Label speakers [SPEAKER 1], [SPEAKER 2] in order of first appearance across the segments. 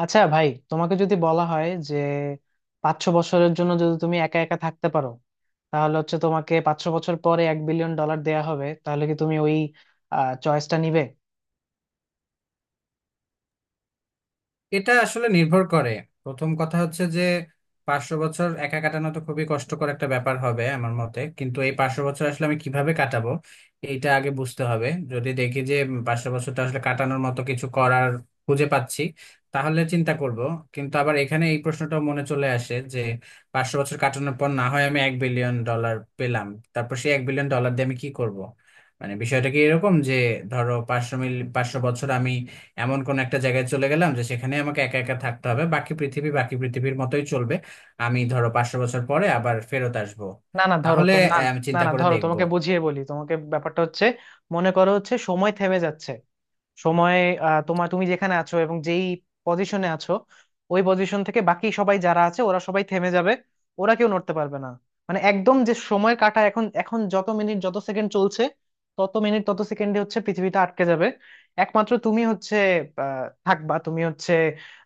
[SPEAKER 1] আচ্ছা ভাই, তোমাকে যদি বলা হয় যে 5-6 বছরের জন্য যদি তুমি একা একা থাকতে পারো, তাহলে হচ্ছে তোমাকে 5-6 বছর পরে 1 বিলিয়ন ডলার দেয়া হবে, তাহলে কি তুমি ওই চয়েসটা নিবে?
[SPEAKER 2] এটা আসলে নির্ভর করে। প্রথম কথা হচ্ছে যে 500 বছর একা কাটানো তো খুবই কষ্টকর একটা ব্যাপার হবে আমার মতে। কিন্তু এই পাঁচশো বছর আসলে আমি কিভাবে কাটাবো এইটা আগে বুঝতে হবে। যদি দেখি যে পাঁচশো বছরটা আসলে কাটানোর মতো কিছু করার খুঁজে পাচ্ছি, তাহলে চিন্তা করব। কিন্তু আবার এখানে এই প্রশ্নটাও মনে চলে আসে যে পাঁচশো বছর কাটানোর পর না হয় আমি 1 বিলিয়ন ডলার পেলাম, তারপর সেই 1 বিলিয়ন ডলার দিয়ে আমি কি করব? মানে বিষয়টা কি এরকম যে ধরো পাঁচশো বছর আমি এমন কোন একটা জায়গায় চলে গেলাম যে সেখানে আমাকে একা একা থাকতে হবে, বাকি পৃথিবীর মতোই চলবে, আমি ধরো পাঁচশো বছর পরে আবার ফেরত আসবো?
[SPEAKER 1] না না, ধরো
[SPEAKER 2] তাহলে
[SPEAKER 1] তো না।
[SPEAKER 2] আমি
[SPEAKER 1] না
[SPEAKER 2] চিন্তা
[SPEAKER 1] না,
[SPEAKER 2] করে
[SPEAKER 1] ধরো
[SPEAKER 2] দেখবো।
[SPEAKER 1] তোমাকে বুঝিয়ে বলি, তোমাকে ব্যাপারটা হচ্ছে মনে করো হচ্ছে সময় থেমে যাচ্ছে। সময়ে তোমার তুমি যেখানে আছো এবং যেই পজিশনে আছো, ওই পজিশন থেকে বাকি সবাই যারা আছে ওরা সবাই থেমে যাবে। ওরা কেউ নড়তে পারবে না। মানে একদম যে সময় কাটা এখন এখন যত মিনিট যত সেকেন্ড চলছে, তত মিনিট তত সেকেন্ডে হচ্ছে পৃথিবীটা আটকে যাবে। একমাত্র তুমি হচ্ছে থাকবা, তুমি হচ্ছে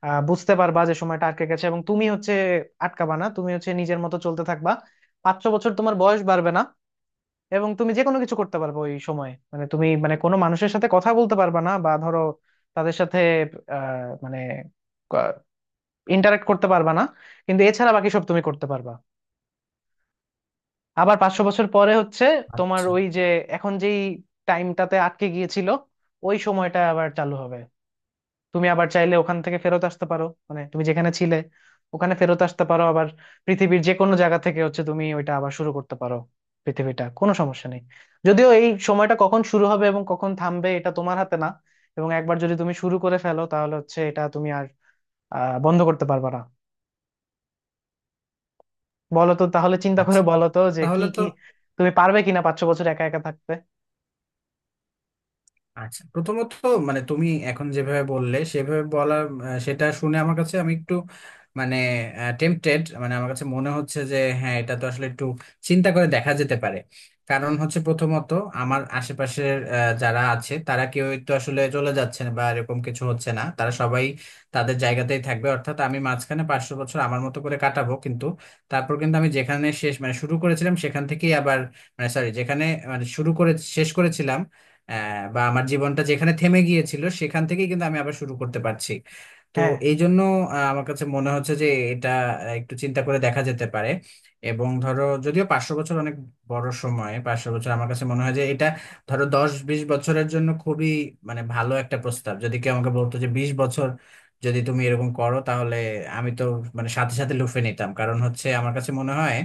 [SPEAKER 1] বুঝতে পারবা যে সময়টা আটকে গেছে, এবং তুমি হচ্ছে আটকাবা না, তুমি হচ্ছে নিজের মতো চলতে থাকবা। 5-6 বছর তোমার বয়স বাড়বে না, এবং তুমি যে কোনো কিছু করতে পারবে ওই সময়ে। মানে তুমি মানে কোনো মানুষের সাথে কথা বলতে পারবা না, বা ধরো তাদের সাথে মানে ইন্টারাক্ট করতে পারবা না। কিন্তু এছাড়া বাকি সব তুমি করতে পারবা। আবার 500 বছর পরে হচ্ছে তোমার
[SPEAKER 2] আচ্ছা।
[SPEAKER 1] ওই যে এখন যেই টাইমটাতে আটকে গিয়েছিল, ওই সময়টা আবার চালু হবে। তুমি আবার চাইলে ওখান থেকে ফেরত আসতে পারো, মানে তুমি যেখানে ছিলে ওখানে ফেরত আসতে পারো আবার। পৃথিবীর যে কোনো জায়গা থেকে হচ্ছে তুমি ওইটা আবার শুরু করতে পারো, পৃথিবীটা কোনো সমস্যা নেই। যদিও এই সময়টা কখন শুরু হবে এবং কখন থামবে, এটা তোমার হাতে না। এবং একবার যদি তুমি শুরু করে ফেলো, তাহলে হচ্ছে এটা তুমি আর বন্ধ করতে পারবে না। বলো তো, তাহলে চিন্তা
[SPEAKER 2] আচ্ছা,
[SPEAKER 1] করে বলো তো যে কি
[SPEAKER 2] তাহলে তো।
[SPEAKER 1] কি, তুমি পারবে কিনা 5-6 বছর একা একা থাকতে।
[SPEAKER 2] আচ্ছা, প্রথমত, মানে তুমি এখন যেভাবে বললে সেভাবে বলা, সেটা শুনে আমার কাছে আমি একটু, মানে, টেম্পটেড। মানে আমার কাছে মনে হচ্ছে যে হ্যাঁ, এটা তো আসলে একটু চিন্তা করে দেখা যেতে পারে। কারণ হচ্ছে প্রথমত, আমার আশেপাশের যারা আছে তারা কেউই তো আসলে চলে যাচ্ছে না বা এরকম কিছু হচ্ছে না, তারা সবাই তাদের জায়গাতেই থাকবে, অর্থাৎ আমি মাঝখানে পাঁচশো বছর আমার মতো করে কাটাবো, কিন্তু তারপর কিন্তু আমি যেখানে শেষ মানে শুরু করেছিলাম সেখান থেকেই আবার, মানে সরি, যেখানে মানে শুরু করে শেষ করেছিলাম, বা আমার জীবনটা যেখানে থেমে গিয়েছিল সেখান থেকেই কিন্তু আমি আবার শুরু করতে পারছি। তো
[SPEAKER 1] হ্যাঁ,
[SPEAKER 2] এই জন্য আমার কাছে মনে হচ্ছে যে এটা একটু চিন্তা করে দেখা যেতে পারে। এবং ধরো যদিও পাঁচশো বছর অনেক বড় সময়, পাঁচশো বছর আমার কাছে মনে হয় যে এটা, ধরো 10-20 বছরের জন্য খুবই মানে ভালো একটা প্রস্তাব, যদি কেউ আমাকে বলতো যে 20 বছর যদি তুমি এরকম করো, তাহলে আমি তো মানে সাথে সাথে লুফে নিতাম। কারণ হচ্ছে আমার কাছে মনে হয়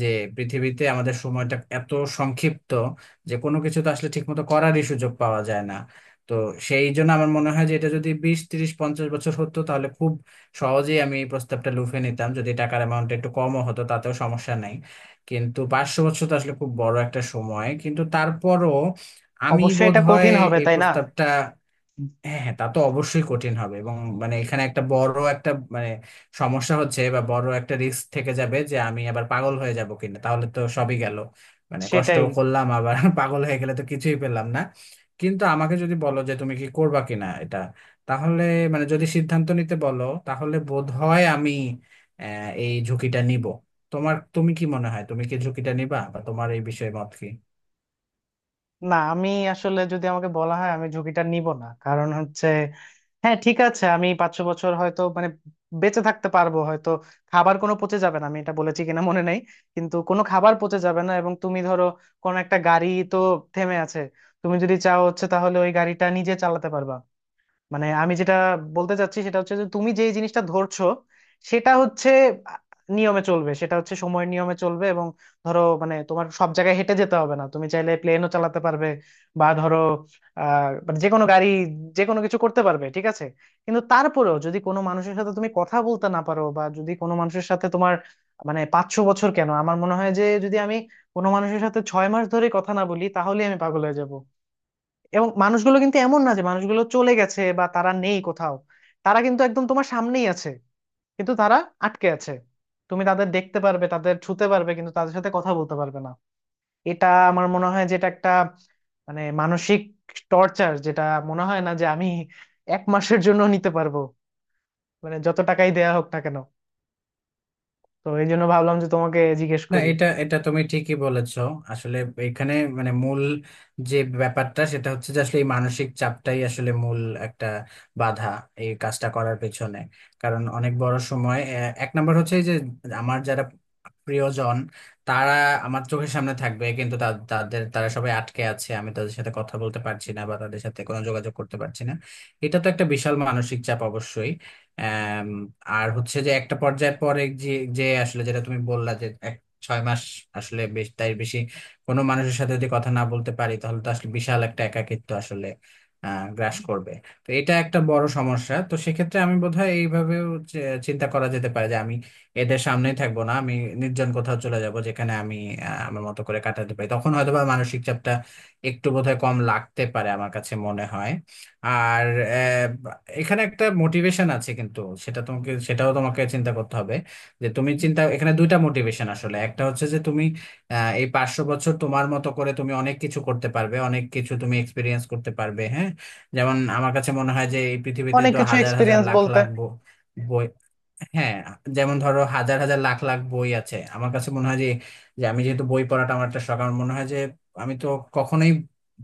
[SPEAKER 2] যে পৃথিবীতে আমাদের সময়টা এত সংক্ষিপ্ত যে কোনো কিছু তো আসলে ঠিকমতো করারই সুযোগ পাওয়া যায় না। তো সেই জন্য আমার মনে হয় যে এটা যদি 20-30-50 বছর হতো তাহলে খুব সহজেই আমি এই প্রস্তাবটা লুফে নিতাম, যদি টাকার অ্যামাউন্টটা একটু কমও হতো তাতেও সমস্যা নাই। কিন্তু পাঁচশো বছর তো আসলে খুব বড় একটা সময়, কিন্তু তারপরও আমি
[SPEAKER 1] অবশ্যই এটা
[SPEAKER 2] বোধহয়
[SPEAKER 1] কঠিন হবে,
[SPEAKER 2] এই
[SPEAKER 1] তাই না?
[SPEAKER 2] প্রস্তাবটা। হ্যাঁ হ্যাঁ, তা তো অবশ্যই কঠিন হবে। এবং মানে এখানে একটা বড় একটা, মানে, সমস্যা হচ্ছে বা বড় একটা রিস্ক থেকে যাবে যে আমি আবার পাগল হয়ে যাব কিনা, তাহলে তো সবই গেল। মানে কষ্ট
[SPEAKER 1] সেটাই।
[SPEAKER 2] করলাম আবার পাগল হয়ে গেলে তো কিছুই পেলাম না। কিন্তু আমাকে যদি বলো যে তুমি কি করবা কিনা এটা, তাহলে মানে যদি সিদ্ধান্ত নিতে বলো তাহলে বোধ হয় আমি আহ এই ঝুঁকিটা নিব। তোমার তুমি কি মনে হয়, তুমি কি ঝুঁকিটা নিবা বা তোমার এই বিষয়ে মত কি?
[SPEAKER 1] না, আমি আসলে, যদি আমাকে বলা হয় আমি ঝুঁকিটা নিব না, কারণ হচ্ছে, হ্যাঁ, ঠিক আছে, আমি 500 বছর হয়তো মানে বেঁচে থাকতে পারবো হয়তো। খাবার কোনো পচে যাবে না, আমি এটা বলেছি কিনা মনে নেই, কিন্তু কোনো খাবার পচে যাবে না। এবং তুমি ধরো কোন একটা গাড়ি তো থেমে আছে, তুমি যদি চাও হচ্ছে তাহলে ওই গাড়িটা নিজে চালাতে পারবা। মানে আমি যেটা বলতে চাচ্ছি সেটা হচ্ছে যে তুমি যেই জিনিসটা ধরছো সেটা হচ্ছে নিয়মে চলবে, সেটা হচ্ছে সময়ের নিয়মে চলবে। এবং ধরো মানে তোমার সব জায়গায় হেঁটে যেতে হবে না, তুমি চাইলে প্লেনও চালাতে পারবে, বা ধরো মানে যে কোনো গাড়ি, যে কোনো কিছু করতে পারবে, ঠিক আছে। কিন্তু তারপরেও যদি কোনো মানুষের সাথে তুমি কথা বলতে না পারো, বা যদি কোনো মানুষের সাথে তোমার মানে, 5-6 বছর কেন, আমার মনে হয় যে যদি আমি কোনো মানুষের সাথে 6 মাস ধরে কথা না বলি, তাহলে আমি পাগল হয়ে যাব। এবং মানুষগুলো কিন্তু এমন না যে মানুষগুলো চলে গেছে বা তারা নেই কোথাও, তারা কিন্তু একদম তোমার সামনেই আছে, কিন্তু তারা আটকে আছে। তুমি তাদের দেখতে পারবে, তাদের ছুতে পারবে, কিন্তু তাদের সাথে কথা বলতে পারবে না। এটা আমার মনে হয় যেটা একটা, মানে মানসিক টর্চার, যেটা মনে হয় না যে আমি 1 মাসের জন্য নিতে পারবো, মানে যত টাকাই দেয়া হোক না কেন। তো এই জন্য ভাবলাম যে তোমাকে জিজ্ঞেস
[SPEAKER 2] না,
[SPEAKER 1] করি।
[SPEAKER 2] এটা এটা তুমি ঠিকই বলেছো। আসলে এখানে মানে মূল যে ব্যাপারটা সেটা হচ্ছে যে আসলে এই মানসিক চাপটাই আসলে মূল একটা বাধা এই কাজটা করার পেছনে। কারণ অনেক বড় সময় এক নম্বর হচ্ছে এই যে, আমার যারা প্রিয়জন তারা আমার চোখের সামনে থাকবে, কিন্তু তাদের তারা সবাই আটকে আছে, আমি তাদের সাথে কথা বলতে পারছি না বা তাদের সাথে কোনো যোগাযোগ করতে পারছি না। এটা তো একটা বিশাল মানসিক চাপ অবশ্যই। আম, আর হচ্ছে যে একটা পর্যায়ের পরে যে, আসলে যেটা তুমি বললা যে 6 মাস আসলে বেশ তাই বেশি, কোনো মানুষের সাথে যদি কথা না বলতে পারি তাহলে তো আসলে বিশাল একটা একাকিত্ব আসলে গ্রাস করবে। তো এটা একটা বড় সমস্যা। তো সেক্ষেত্রে আমি বোধহয় এইভাবেও চিন্তা করা যেতে পারে যে আমি এদের সামনেই থাকবো না, আমি নির্জন কোথাও চলে যাব যেখানে আমি আমার মতো করে কাটাতে পারি, তখন হয়তোবা মানসিক চাপটা একটু বোধহয় কম লাগতে পারে আমার কাছে মনে হয়। আর আহ, এখানে একটা মোটিভেশন আছে কিন্তু সেটা তোমাকে, সেটাও তোমাকে চিন্তা করতে হবে যে তুমি চিন্তা, এখানে দুইটা মোটিভেশন আসলে। একটা হচ্ছে যে তুমি এই পাঁচশো বছর তোমার মতো করে তুমি অনেক কিছু করতে পারবে, অনেক কিছু তুমি এক্সপিরিয়েন্স করতে পারবে। হ্যাঁ, যেমন আমার কাছে মনে হয় যে এই পৃথিবীতে
[SPEAKER 1] অনেক
[SPEAKER 2] তো
[SPEAKER 1] কিছু
[SPEAKER 2] হাজার হাজার
[SPEAKER 1] এক্সপিরিয়েন্স
[SPEAKER 2] লাখ
[SPEAKER 1] বলতে?
[SPEAKER 2] লাখ বই। হ্যাঁ, যেমন ধরো হাজার হাজার লাখ লাখ বই আছে, আমার কাছে মনে হয় যে, যে আমি যেহেতু বই পড়াটা আমার একটা শখ, আমার মনে হয় যে আমি তো কখনোই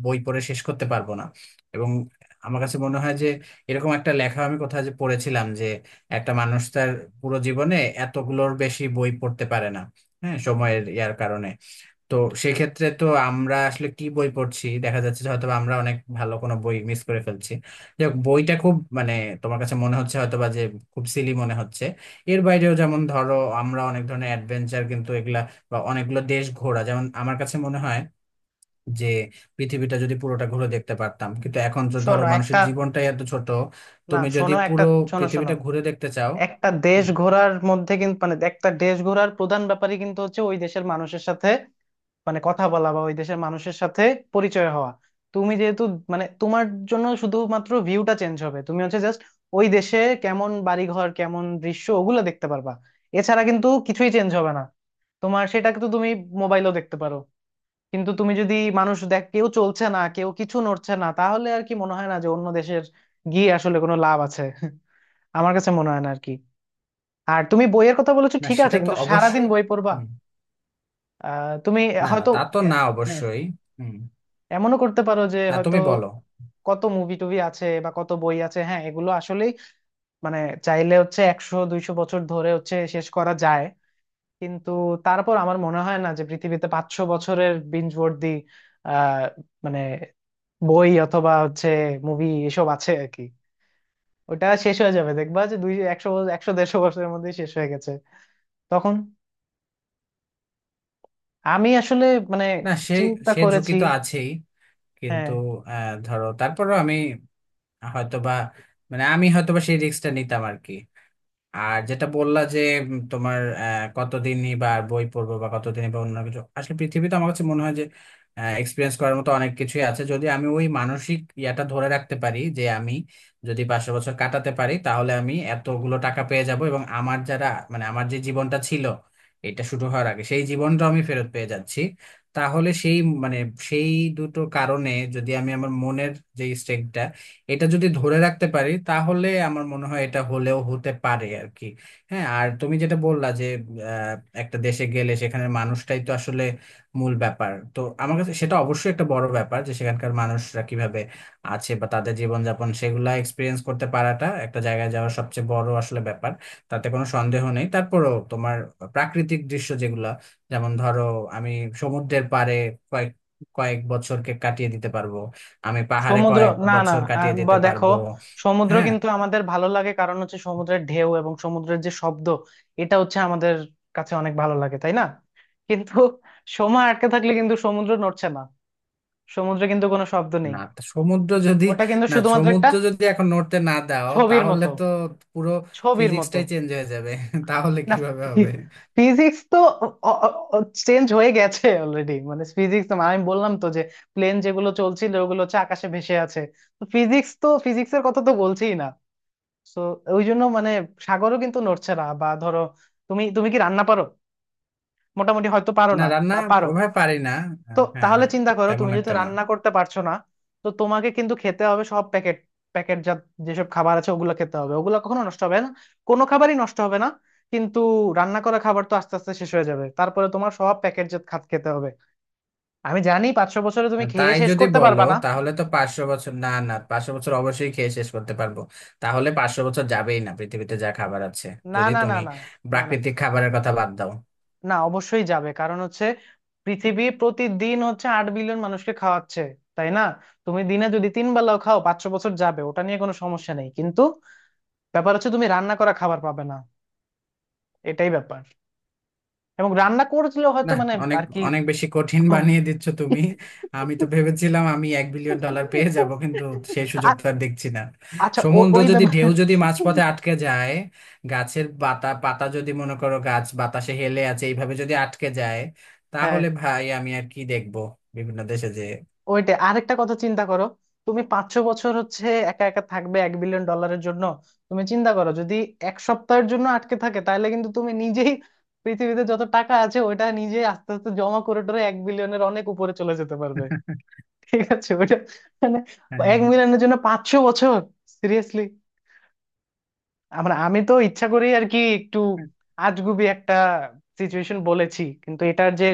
[SPEAKER 2] বই পড়ে শেষ করতে পারবো না। এবং আমার কাছে মনে হয় যে, এরকম একটা লেখা আমি কোথায় যে পড়েছিলাম যে একটা মানুষ তার পুরো জীবনে এতগুলোর বেশি বই পড়তে পারে না, হ্যাঁ, সময়ের ইয়ার কারণে। তো সেক্ষেত্রে তো আমরা আসলে কি বই পড়ছি, দেখা যাচ্ছে যে হয়তো বা আমরা অনেক ভালো কোনো বই মিস করে ফেলছি, যাক বইটা খুব মানে তোমার কাছে মনে হচ্ছে হয়তো বা যে খুব সিলি মনে হচ্ছে। এর বাইরেও যেমন ধরো, আমরা অনেক ধরনের অ্যাডভেঞ্চার কিন্তু এগুলা, বা অনেকগুলো দেশ ঘোরা, যেমন আমার কাছে মনে হয় যে পৃথিবীটা যদি পুরোটা ঘুরে দেখতে পারতাম, কিন্তু এখন তো ধরো
[SPEAKER 1] শোনো
[SPEAKER 2] মানুষের
[SPEAKER 1] একটা,
[SPEAKER 2] জীবনটাই এত ছোট।
[SPEAKER 1] না
[SPEAKER 2] তুমি যদি
[SPEAKER 1] শোনো একটা,
[SPEAKER 2] পুরো
[SPEAKER 1] শোনো শোনো,
[SPEAKER 2] পৃথিবীটা ঘুরে দেখতে চাও।
[SPEAKER 1] একটা দেশ
[SPEAKER 2] হুম।
[SPEAKER 1] ঘোরার মধ্যে কিন্তু, মানে একটা দেশ ঘোরার প্রধান ব্যাপারই কিন্তু হচ্ছে ওই দেশের মানুষের সাথে মানে কথা বলা, বা ওই দেশের মানুষের সাথে পরিচয় হওয়া। তুমি যেহেতু মানে তোমার জন্য শুধুমাত্র ভিউটা চেঞ্জ হবে, তুমি হচ্ছে জাস্ট ওই দেশে কেমন বাড়িঘর কেমন দৃশ্য ওগুলো দেখতে পারবা, এছাড়া কিন্তু কিছুই চেঞ্জ হবে না তোমার। সেটা কিন্তু তুমি মোবাইলও দেখতে পারো। কিন্তু তুমি যদি মানুষ দেখ কেউ চলছে না, কেউ কিছু নড়ছে না, তাহলে আর কি মনে হয় না যে অন্য দেশের গিয়ে আসলে কোনো লাভ আছে? আমার কাছে মনে হয় না আর কি। আর তুমি বইয়ের কথা বলেছো,
[SPEAKER 2] না,
[SPEAKER 1] ঠিক আছে,
[SPEAKER 2] সেটা তো
[SPEAKER 1] কিন্তু সারাদিন
[SPEAKER 2] অবশ্যই।
[SPEAKER 1] বই পড়বা?
[SPEAKER 2] হুম।
[SPEAKER 1] তুমি
[SPEAKER 2] না না,
[SPEAKER 1] হয়তো
[SPEAKER 2] তা তো
[SPEAKER 1] এ-
[SPEAKER 2] না,
[SPEAKER 1] হ্যাঁ,
[SPEAKER 2] অবশ্যই। হুম।
[SPEAKER 1] এমনও করতে পারো যে
[SPEAKER 2] না,
[SPEAKER 1] হয়তো
[SPEAKER 2] তুমি বলো।
[SPEAKER 1] কত মুভি টুভি আছে বা কত বই আছে, হ্যাঁ এগুলো আসলেই মানে চাইলে হচ্ছে 100-200 বছর ধরে হচ্ছে শেষ করা যায়। কিন্তু তারপর আমার মনে হয় না যে পৃথিবীতে 500 বছরের বিঞ্জবর্দি আহ মানে বই অথবা হচ্ছে মুভি এসব আছে আর কি। ওটা শেষ হয়ে যাবে, দেখবা যে দুই একশো, একশো দেড়শো বছরের মধ্যে শেষ হয়ে গেছে। তখন আমি আসলে মানে
[SPEAKER 2] না, সে
[SPEAKER 1] চিন্তা
[SPEAKER 2] সে ঝুঁকি
[SPEAKER 1] করেছি।
[SPEAKER 2] তো আছেই, কিন্তু
[SPEAKER 1] হ্যাঁ
[SPEAKER 2] ধরো তারপরেও আমি হয়তোবা, মানে আমি হয়তোবা সেই রিস্কটা নিতাম আর কি। আর যেটা বললা যে তোমার কতদিনই বা আর বই পড়বো বা কতদিনই বা অন্য কিছু, আসলে পৃথিবীতে আমার কাছে মনে হয় যে এক্সপিরিয়েন্স করার মতো অনেক কিছুই আছে। যদি আমি ওই মানসিক ইয়াটা ধরে রাখতে পারি যে আমি, যদি পাঁচশো বছর কাটাতে পারি তাহলে আমি এতগুলো টাকা পেয়ে যাব এবং আমার যারা, মানে আমার যে জীবনটা ছিল এটা শুরু হওয়ার আগে সেই জীবনটা আমি ফেরত পেয়ে যাচ্ছি, তাহলে সেই, মানে সেই দুটো কারণে যদি আমি আমার মনের যে স্টেটটা, এটা যদি ধরে রাখতে পারি তাহলে আমার মনে হয় এটা হলেও হতে পারে আর কি। হ্যাঁ, আর তুমি যেটা বললা যে আহ, একটা দেশে গেলে সেখানের মানুষটাই তো আসলে মূল ব্যাপার, তো আমার কাছে সেটা অবশ্যই একটা বড় ব্যাপার যে সেখানকার মানুষরা কিভাবে আছে বা তাদের জীবনযাপন, সেগুলা এক্সপিরিয়েন্স করতে পারাটা একটা জায়গায় যাওয়ার সবচেয়ে বড় আসলে ব্যাপার, তাতে কোনো সন্দেহ নেই। তারপরেও তোমার প্রাকৃতিক দৃশ্য যেগুলা, যেমন ধরো আমি সমুদ্রের পাড়ে কয়েক কয়েক বছরকে কাটিয়ে দিতে পারবো, আমি পাহাড়ে
[SPEAKER 1] সমুদ্র,
[SPEAKER 2] কয়েক
[SPEAKER 1] না না,
[SPEAKER 2] বছর কাটিয়ে
[SPEAKER 1] বা
[SPEAKER 2] দিতে
[SPEAKER 1] দেখো,
[SPEAKER 2] পারবো।
[SPEAKER 1] সমুদ্র
[SPEAKER 2] হ্যাঁ।
[SPEAKER 1] কিন্তু আমাদের ভালো লাগে কারণ হচ্ছে সমুদ্রের ঢেউ এবং সমুদ্রের যে শব্দ, এটা হচ্ছে আমাদের কাছে অনেক ভালো লাগে, তাই না? কিন্তু সময় আটকে থাকলে কিন্তু সমুদ্র নড়ছে না, সমুদ্রে কিন্তু কোনো শব্দ নেই।
[SPEAKER 2] না, তা সমুদ্র যদি,
[SPEAKER 1] ওটা কিন্তু
[SPEAKER 2] না
[SPEAKER 1] শুধুমাত্র একটা
[SPEAKER 2] সমুদ্র যদি এখন নড়তে না দাও
[SPEAKER 1] ছবির
[SPEAKER 2] তাহলে
[SPEAKER 1] মতো,
[SPEAKER 2] তো পুরো
[SPEAKER 1] ছবির মতো।
[SPEAKER 2] ফিজিক্সটাই চেঞ্জ হয়ে যাবে তাহলে
[SPEAKER 1] না,
[SPEAKER 2] কিভাবে হবে?
[SPEAKER 1] ফিজিক্স তো চেঞ্জ হয়ে গেছে অলরেডি, মানে ফিজিক্স তো আমি বললাম তো যে প্লেন যেগুলো চলছিল ওগুলো হচ্ছে আকাশে ভেসে আছে। তো ফিজিক্স তো, ফিজিক্সের কথা তো বলছিই না। তো ওই জন্য মানে সাগরও কিন্তু নড়ছে না। বা ধরো, তুমি তুমি কি রান্না পারো? মোটামুটি, হয়তো পারো
[SPEAKER 2] না,
[SPEAKER 1] না,
[SPEAKER 2] রান্না
[SPEAKER 1] বা পারো।
[SPEAKER 2] ওভাবে পারি না।
[SPEAKER 1] তো
[SPEAKER 2] হ্যাঁ হ্যাঁ
[SPEAKER 1] তাহলে
[SPEAKER 2] হ্যাঁ,
[SPEAKER 1] চিন্তা করো,
[SPEAKER 2] তেমন
[SPEAKER 1] তুমি যেহেতু
[SPEAKER 2] একটা না।
[SPEAKER 1] রান্না করতে পারছো না, তো তোমাকে কিন্তু খেতে হবে সব প্যাকেট, প্যাকেট যা যেসব খাবার আছে ওগুলো খেতে হবে। ওগুলো কখনো নষ্ট হবে না, কোনো খাবারই নষ্ট হবে না। কিন্তু রান্না করা খাবার তো আস্তে আস্তে শেষ হয়ে যাবে, তারপরে তোমার সব প্যাকেট জাত খাত খেতে হবে। আমি জানি পাঁচ ছ বছরে তুমি খেয়ে
[SPEAKER 2] তাই
[SPEAKER 1] শেষ
[SPEAKER 2] যদি
[SPEAKER 1] করতে
[SPEAKER 2] বলো
[SPEAKER 1] পারবা না
[SPEAKER 2] তাহলে তো পাঁচশো বছর, না না পাঁচশো বছর অবশ্যই খেয়ে শেষ করতে পারবো। তাহলে পাঁচশো বছর যাবেই না পৃথিবীতে যা খাবার আছে,
[SPEAKER 1] না
[SPEAKER 2] যদি
[SPEAKER 1] না না,
[SPEAKER 2] তুমি
[SPEAKER 1] না না না,
[SPEAKER 2] প্রাকৃতিক খাবারের কথা বাদ দাও।
[SPEAKER 1] না অবশ্যই যাবে, কারণ হচ্ছে পৃথিবী প্রতিদিন হচ্ছে 8 বিলিয়ন মানুষকে খাওয়াচ্ছে, তাই না? তুমি দিনে যদি 3 বেলাও খাও, 500 বছর যাবে, ওটা নিয়ে কোনো সমস্যা নেই। কিন্তু ব্যাপার হচ্ছে তুমি রান্না করা খাবার পাবে না, এটাই ব্যাপার। এবং রান্না করলেও হয়তো
[SPEAKER 2] না,
[SPEAKER 1] মানে
[SPEAKER 2] অনেক,
[SPEAKER 1] আর কি,
[SPEAKER 2] অনেক বেশি কঠিন
[SPEAKER 1] খুব
[SPEAKER 2] বানিয়ে দিচ্ছ তুমি। আমি তো ভেবেছিলাম আমি এক বিলিয়ন ডলার পেয়ে যাব, কিন্তু সেই সুযোগ তো
[SPEAKER 1] আ-
[SPEAKER 2] আর দেখছি না।
[SPEAKER 1] আচ্ছা,
[SPEAKER 2] সমুদ্র
[SPEAKER 1] ওই
[SPEAKER 2] যদি,
[SPEAKER 1] ব্যাপার।
[SPEAKER 2] ঢেউ যদি মাঝপথে আটকে যায়, গাছের পাতা পাতা যদি, মনে করো গাছ বাতাসে হেলে আছে এইভাবে যদি আটকে যায়,
[SPEAKER 1] হ্যাঁ,
[SPEAKER 2] তাহলে ভাই আমি আর কি দেখবো? বিভিন্ন দেশে যে
[SPEAKER 1] ওইটা আরেকটা কথা চিন্তা করো। তুমি পাঁচশো বছর হচ্ছে একা একা থাকবে 1 বিলিয়ন ডলারের জন্য, তুমি চিন্তা করো যদি 1 সপ্তাহের জন্য আটকে থাকে, তাহলে কিন্তু তুমি নিজেই পৃথিবীতে যত টাকা আছে ওটা নিজে আস্তে আস্তে জমা করে টরে 1 বিলিয়নের অনেক উপরে চলে যেতে পারবে। ঠিক আছে, ওইটা মানে 1 মিলিয়নের জন্য পাঁচশো বছর, সিরিয়াসলি! আমি তো ইচ্ছা করেই আর কি একটু
[SPEAKER 2] হ্যাঁ।
[SPEAKER 1] আজগুবি একটা সিচুয়েশন বলেছি, কিন্তু এটার যে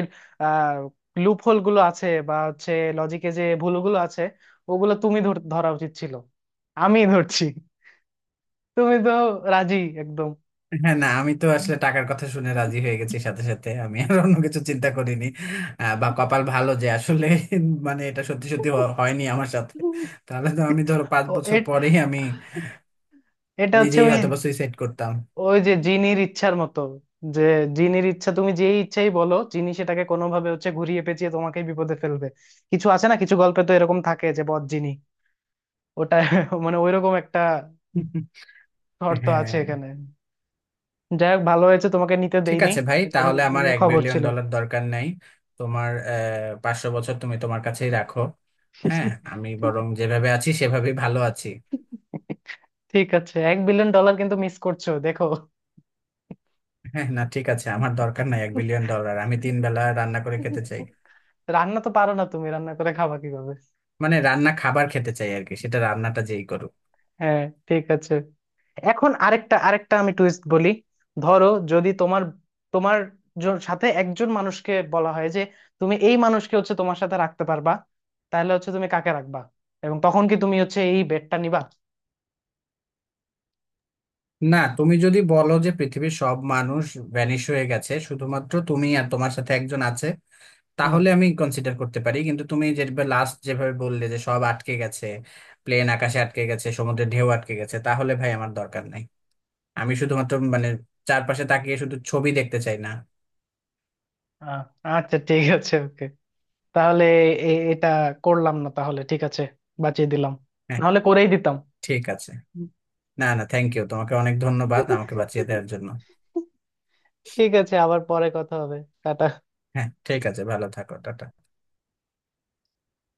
[SPEAKER 1] আহ লুপ হোল গুলো আছে, বা হচ্ছে লজিকে যে ভুলগুলো আছে, ওগুলো তুমি ধরা উচিত ছিল। আমি ধরছি, তুমি তো রাজি, একদম!
[SPEAKER 2] হ্যাঁ না, আমি তো আসলে টাকার কথা শুনে রাজি হয়ে গেছি সাথে সাথে, আমি আর অন্য কিছু চিন্তা করিনি, বা কপাল ভালো যে আসলে
[SPEAKER 1] ও এটা হচ্ছে ওই, ওই যে জিনির
[SPEAKER 2] মানে
[SPEAKER 1] ইচ্ছার
[SPEAKER 2] এটা সত্যি
[SPEAKER 1] মতো।
[SPEAKER 2] সত্যি হয়নি আমার সাথে, তাহলে
[SPEAKER 1] যে
[SPEAKER 2] তো আমি ধরো 5 বছর পরেই আমি নিজেই হয়তোবা সুইসাইড করতাম।
[SPEAKER 1] জিনির ইচ্ছা, তুমি যেই ইচ্ছাই বলো, জিনি সেটাকে কোনোভাবে হচ্ছে ঘুরিয়ে পেঁচিয়ে তোমাকে বিপদে ফেলবে। কিছু আছে না কিছু গল্পে তো এরকম থাকে যে বদ জিনি। ওটা মানে ওইরকম একটা শর্ত আছে
[SPEAKER 2] হ্যাঁ।
[SPEAKER 1] এখানে। যাই হোক, ভালো হয়েছে তোমাকে নিতে
[SPEAKER 2] ঠিক
[SPEAKER 1] দেইনি।
[SPEAKER 2] আছে ভাই,
[SPEAKER 1] এটা
[SPEAKER 2] তাহলে
[SPEAKER 1] নি-
[SPEAKER 2] আমার
[SPEAKER 1] নিলে
[SPEAKER 2] এক
[SPEAKER 1] খবর
[SPEAKER 2] বিলিয়ন
[SPEAKER 1] ছিল।
[SPEAKER 2] ডলার দরকার নাই। তোমার পাঁচশো বছর তুমি তোমার কাছেই রাখো। হ্যাঁ। আমি বরং যেভাবে আছি সেভাবেই ভালো আছি।
[SPEAKER 1] ঠিক আছে, 1 বিলিয়ন ডলার কিন্তু মিস করছো, দেখো।
[SPEAKER 2] হ্যাঁ না ঠিক আছে, আমার দরকার নাই 1 বিলিয়ন ডলার, আমি তিন বেলা রান্না করে খেতে চাই।
[SPEAKER 1] রান্না তো পারো না তুমি, রান্না করে খাবা কিভাবে?
[SPEAKER 2] মানে রান্না খাবার খেতে চাই আর কি, সেটা রান্নাটা যেই করুক।
[SPEAKER 1] হ্যাঁ, ঠিক আছে। এখন আরেকটা আরেকটা আমি টুইস্ট বলি। ধরো যদি তোমার তোমার সাথে একজন মানুষকে বলা হয় যে তুমি এই মানুষকে হচ্ছে তোমার সাথে রাখতে পারবা, তাহলে হচ্ছে তুমি কাকে রাখবা? এবং তখন কি তুমি হচ্ছে এই বেডটা নিবা?
[SPEAKER 2] না, তুমি যদি বলো যে পৃথিবীর সব মানুষ ভ্যানিশ হয়ে গেছে শুধুমাত্র তুমি আর তোমার সাথে একজন আছে,
[SPEAKER 1] হুম,
[SPEAKER 2] তাহলে আমি কনসিডার করতে পারি, কিন্তু তুমি যেভাবে লাস্ট যেভাবে বললে যে সব আটকে গেছে, প্লেন আকাশে আটকে গেছে, সমুদ্রের ঢেউ আটকে গেছে, তাহলে ভাই আমার দরকার নাই। আমি শুধুমাত্র মানে চারপাশে তাকিয়ে শুধু ছবি দেখতে চাই না।
[SPEAKER 1] আ- আচ্ছা, ঠিক আছে, ওকে, তাহলে এটা করলাম না তাহলে, ঠিক আছে, বাঁচিয়ে দিলাম।
[SPEAKER 2] হ্যাঁ।
[SPEAKER 1] নাহলে করেই দিতাম।
[SPEAKER 2] ঠিক আছে। না না, থ্যাংক ইউ, তোমাকে অনেক ধন্যবাদ আমাকে বাঁচিয়ে দেওয়ার জন্য।
[SPEAKER 1] ঠিক আছে, আবার পরে কথা হবে। টাটা।
[SPEAKER 2] হ্যাঁ ঠিক আছে, ভালো থাকো, টাটা।